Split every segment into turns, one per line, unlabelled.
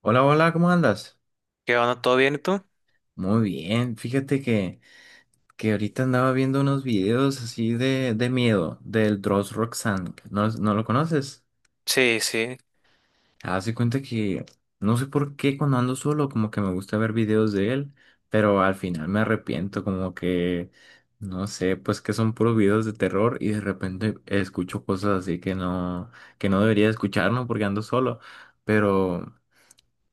Hola, hola, ¿cómo andas?
¿Qué onda? ¿Todo bien y tú?
Muy bien, fíjate que ahorita andaba viendo unos videos así de miedo del Dross Roxanne. ¿No, no lo conoces?
Sí, sí.
Hace cuenta que no sé por qué cuando ando solo como que me gusta ver videos de él, pero al final me arrepiento como que, no sé, pues que son puros videos de terror y de repente escucho cosas así que no, debería escuchar, ¿no? Porque ando solo, pero.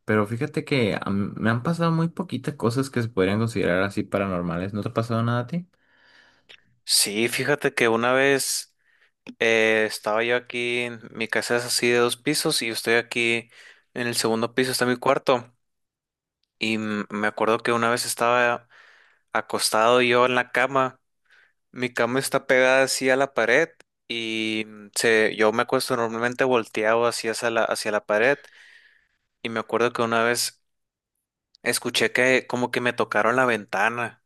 Pero fíjate que a mí me han pasado muy poquitas cosas que se podrían considerar así paranormales. ¿No te ha pasado nada a ti?
Sí, fíjate que una vez estaba yo aquí, mi casa es así de dos pisos y yo estoy aquí en el segundo piso, está mi cuarto. Y me acuerdo que una vez estaba acostado yo en la cama, mi cama está pegada así a la pared y yo me acuesto normalmente volteado así hacia la pared y me acuerdo que una vez escuché que como que me tocaron la ventana.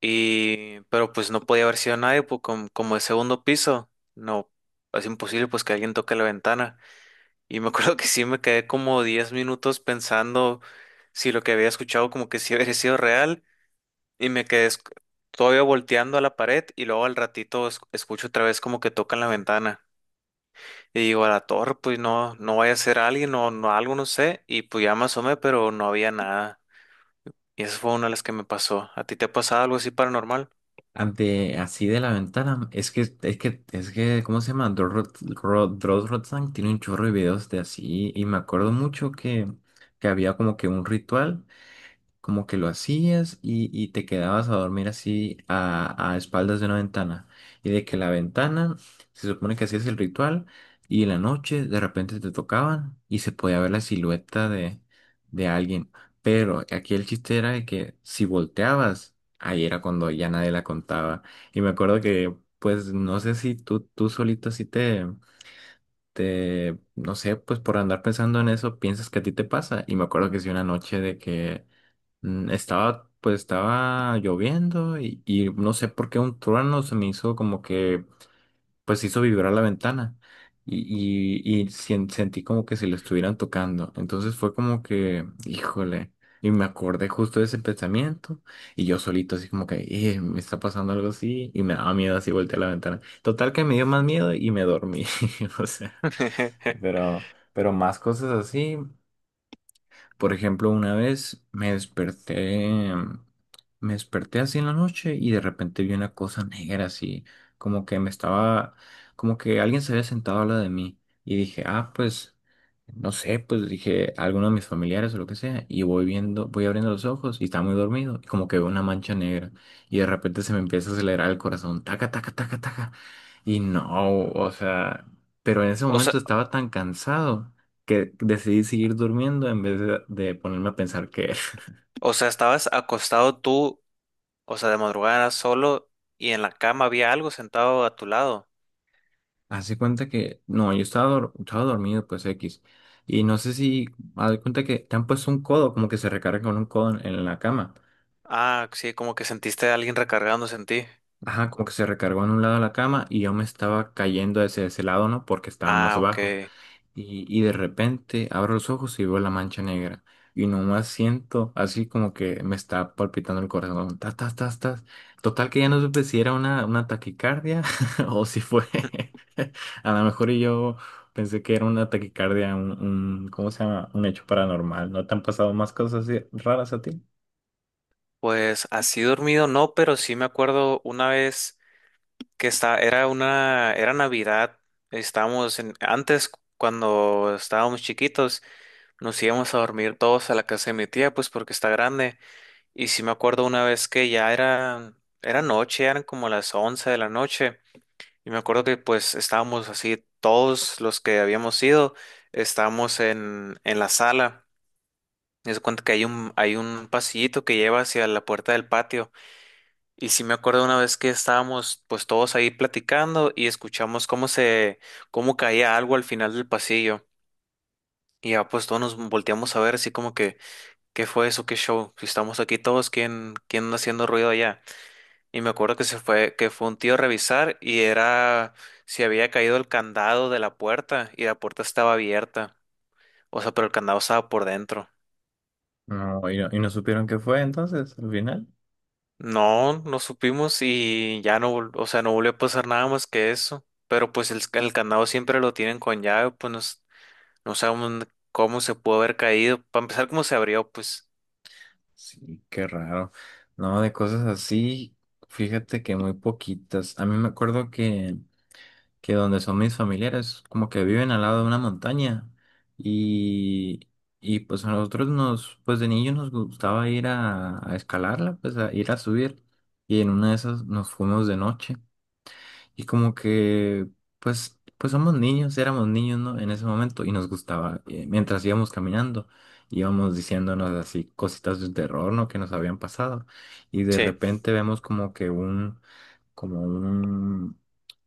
Y, pero pues no podía haber sido nadie, pues como, el segundo piso, no, es imposible pues que alguien toque la ventana. Y me acuerdo que sí me quedé como 10 minutos pensando si lo que había escuchado como que sí había sido real y me quedé todavía volteando a la pared y luego al ratito escucho otra vez como que tocan la ventana. Y digo, a la torre, pues no, no vaya a ser alguien o no, algo, no sé. Y pues ya me asomé, pero no había nada. Y esa fue una de las que me pasó. ¿A ti te ha pasado algo así paranormal?
Ah, así de la ventana. Es que, ¿cómo se llama? Dross Rotzank tiene un chorro de videos de así. Y me acuerdo mucho que había como que un ritual. Como que lo hacías y te quedabas a dormir así a espaldas de una ventana. Y de que la ventana, se supone que hacías el ritual y en la noche de repente te tocaban y se podía ver la silueta de alguien. Pero aquí el chiste era de que si volteabas, ahí era cuando ya nadie la contaba. Y me acuerdo que, pues, no sé si tú solito así te. No sé, pues por andar pensando en eso, piensas que a ti te pasa. Y me acuerdo que sí, una noche de que pues estaba lloviendo y no sé por qué un trueno se me hizo como que, pues hizo vibrar la ventana y sentí como que si lo estuvieran tocando. Entonces fue como que, híjole, y me acordé justo de ese pensamiento y yo solito así como que, me está pasando algo así", y me daba miedo, así volteé a la ventana. Total que me dio más miedo y me dormí. O sea, pero, pero más cosas así. Por ejemplo, una vez me desperté así en la noche y de repente vi una cosa negra así, como que me estaba, como que alguien se había sentado al lado de mí y dije, ah, pues, no sé, pues dije, alguno de mis familiares o lo que sea, y voy viendo, voy abriendo los ojos y estaba muy dormido y como que veo una mancha negra y de repente se me empieza a acelerar el corazón, taca, taca, taca, taca, y no, o sea, pero en ese
O sea.
momento estaba tan cansado que decidí seguir durmiendo en vez de ponerme a pensar qué era.
O sea, estabas acostado tú, o sea, de madrugada solo y en la cama había algo sentado a tu lado.
Hace cuenta que, no, yo estaba dormido, pues X. Y no sé si, haz de cuenta que te han puesto un codo, como que se recarga con un codo en la cama.
Ah, sí, como que sentiste a alguien recargándose en ti.
Ajá, como que se recargó en un lado de la cama y yo me estaba cayendo hacia ese lado, ¿no? Porque estaba más
Ah, ok.
bajo. Y de repente abro los ojos y veo la mancha negra. Y nomás siento así como que me está palpitando el corazón. Tas, tas, tas, tas. Total que ya no supe si era una taquicardia o si fue. A lo mejor y yo pensé que era una taquicardia, ¿cómo se llama? Un hecho paranormal. ¿No te han pasado más cosas así raras a ti?
Pues así dormido no, pero sí me acuerdo una vez era Navidad. Antes cuando estábamos chiquitos, nos íbamos a dormir todos a la casa de mi tía, pues porque está grande. Y sí me acuerdo una vez era noche, eran como las 11 de la noche. Y me acuerdo que pues estábamos así, todos los que habíamos ido, estábamos en la sala. Me cuenta que hay un pasillito que lleva hacia la puerta del patio. Y sí me acuerdo una vez que estábamos pues todos ahí platicando y escuchamos cómo caía algo al final del pasillo. Y ya pues todos nos volteamos a ver así como que, ¿qué fue eso? ¿Qué show? Si estamos aquí todos, ¿quién, quién anda haciendo ruido allá? Y me acuerdo que se fue, que fue un tío a revisar y era si había caído el candado de la puerta y la puerta estaba abierta. O sea, pero el candado estaba por dentro.
No, y no supieron qué fue entonces al final.
No, no supimos y ya no, o sea, no volvió a pasar nada más que eso. Pero pues el candado siempre lo tienen con llave, pues no, no sabemos dónde- cómo se pudo haber caído. Para empezar, cómo se abrió, pues.
Sí, qué raro. No, de cosas así, fíjate que muy poquitas. A mí me acuerdo que donde son mis familiares, como que viven al lado de una montaña y, y pues a nosotros nos, pues de niños nos gustaba ir a escalarla, pues a ir a subir y en una de esas nos fuimos de noche y como que pues, somos niños, éramos niños, ¿no? En ese momento y nos gustaba, mientras íbamos caminando. Íbamos diciéndonos así cositas de terror, ¿no? Que nos habían pasado. Y de
Sí,
repente vemos como que un,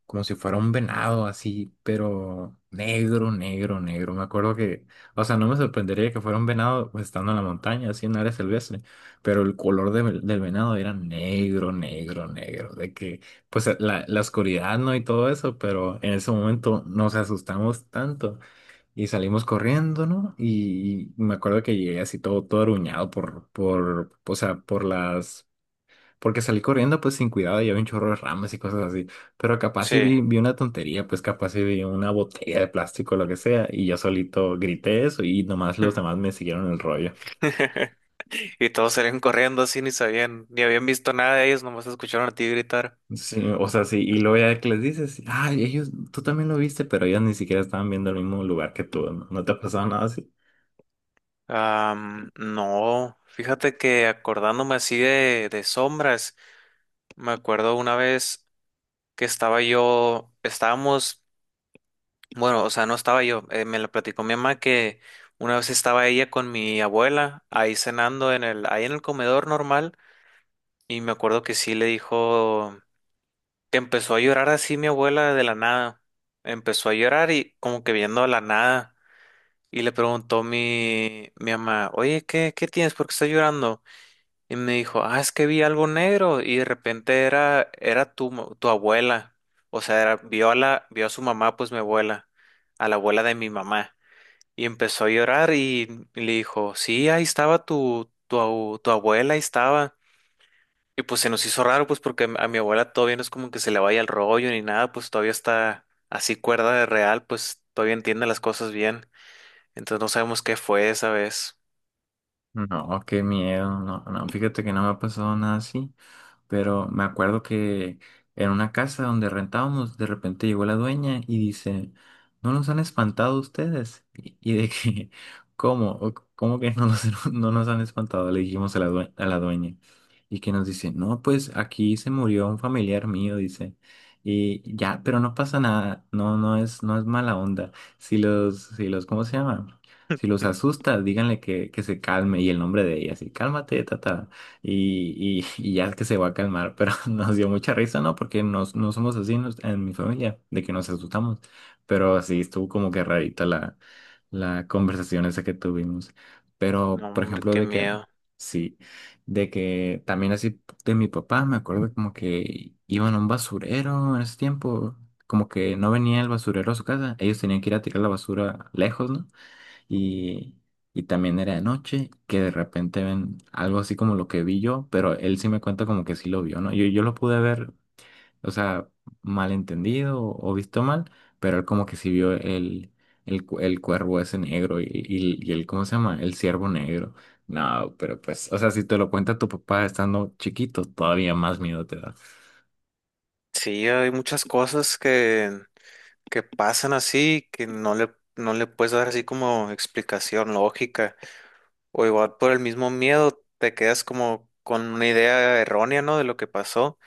como si fuera un venado así, pero negro, negro, negro. Me acuerdo que, o sea, no me sorprendería que fuera un venado pues, estando en la montaña, así en área silvestre, pero el color del venado era negro, negro, negro. De que, pues la oscuridad, ¿no? Y todo eso, pero en ese momento nos asustamos tanto y salimos corriendo, ¿no? Y me acuerdo que llegué así todo, todo aruñado por, o sea, porque salí corriendo pues sin cuidado y había un chorro de ramas y cosas así. Pero capaz si
sí.
vi una tontería, pues capaz si vi una botella de plástico o lo que sea. Y yo solito grité eso y nomás los demás me siguieron el rollo.
Y todos salían corriendo así, ni sabían, ni habían visto nada de ellos, nomás escucharon a ti gritar.
Sí, o sea, sí. Y luego ya que les dices, ay, ellos, tú también lo viste, pero ellos ni siquiera estaban viendo el mismo lugar que tú. ¿No, no te ha pasado nada así?
Am, no, fíjate que acordándome así de sombras, me acuerdo una vez que estaba yo, estábamos, bueno, o sea, no estaba yo, me la platicó mi mamá que una vez estaba ella con mi abuela ahí cenando en el, ahí en el comedor normal y me acuerdo que sí le dijo que empezó a llorar así mi abuela de la nada, empezó a llorar y como que viendo a la nada y le preguntó mi mamá, oye, ¿qué tienes? ¿Por qué estás llorando? Y me dijo, ah, es que vi algo negro y de repente era tu abuela. O sea, era- vio a su mamá, pues mi abuela, a la abuela de mi mamá. Y empezó a llorar y le dijo, sí, ahí estaba tu abuela, ahí estaba. Y pues se nos hizo raro, pues porque a mi abuela todavía no es como que se le vaya el rollo ni nada, pues todavía está así cuerda de real, pues todavía entiende las cosas bien. Entonces no sabemos qué fue esa vez.
No, qué miedo. No, no, fíjate que no me ha pasado nada así. Pero me acuerdo que en una casa donde rentábamos, de repente llegó la dueña y dice, ¿no nos han espantado ustedes? Y de que, ¿cómo? ¿Cómo que no nos, no nos han espantado? Le dijimos a la a la dueña. Y que nos dice, no, pues aquí se murió un familiar mío, dice. Y ya, pero no pasa nada, no, no es, no es mala onda. Si los, ¿cómo se llama? Si los asusta, díganle que, se calme y el nombre de ella, así, cálmate, tata, y ya es que se va a calmar, pero nos dio mucha risa, ¿no? Porque no somos así en mi familia, de que nos asustamos, pero sí estuvo como que rarita la conversación esa que tuvimos. Pero,
No,
por
hombre,
ejemplo,
qué
de que,
miedo.
sí, de que también así de mi papá, me acuerdo como que iban a un basurero en ese tiempo, como que no venía el basurero a su casa, ellos tenían que ir a tirar la basura lejos, ¿no? y, y también era de noche, que de repente ven algo así como lo que vi yo, pero él sí me cuenta como que sí lo vio, ¿no? Yo lo pude ver, o sea, malentendido o visto mal, pero él como que sí vio el cuervo ese negro y el, ¿cómo se llama? El ciervo negro. No, pero pues, o sea, si te lo cuenta tu papá estando chiquito, todavía más miedo te da.
Sí, hay muchas cosas que pasan así, que no le puedes dar así como explicación lógica, o igual por el mismo miedo te quedas como con una idea errónea, ¿no? De lo que pasó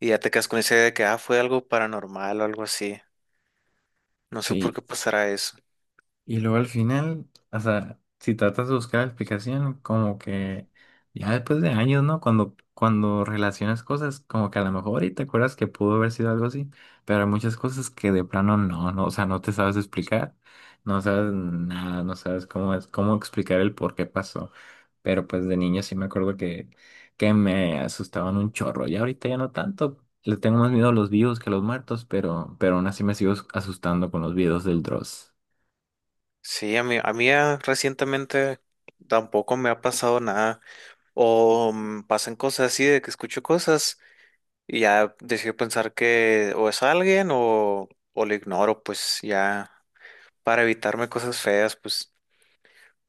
y ya te quedas con esa idea de que, ah, fue algo paranormal o algo así. No sé por
Sí,
qué pasará eso.
y luego al final, o sea, si tratas de buscar la explicación, como que ya después de años, ¿no? Cuando relacionas cosas, como que a lo mejor y te acuerdas que pudo haber sido algo así, pero hay muchas cosas que de plano no, no, o sea, no te sabes explicar, no sabes nada, no sabes cómo es, cómo explicar el por qué pasó. Pero pues de niño sí me acuerdo que, me asustaban un chorro, y ahorita ya no tanto. Le tengo más miedo a los vivos que a los muertos, pero, aún así me sigo asustando con los videos del Dross.
Sí, a mí, recientemente tampoco me ha pasado nada. O pasan cosas así de que escucho cosas y ya decido pensar que o es alguien o lo ignoro, pues ya para evitarme cosas feas, pues.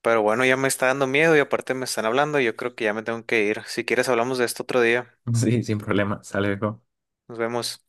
Pero bueno, ya me está dando miedo y aparte me están hablando y yo creo que ya me tengo que ir. Si quieres, hablamos de esto otro día.
Sí, sin problema. Sale, viejo.
Nos vemos.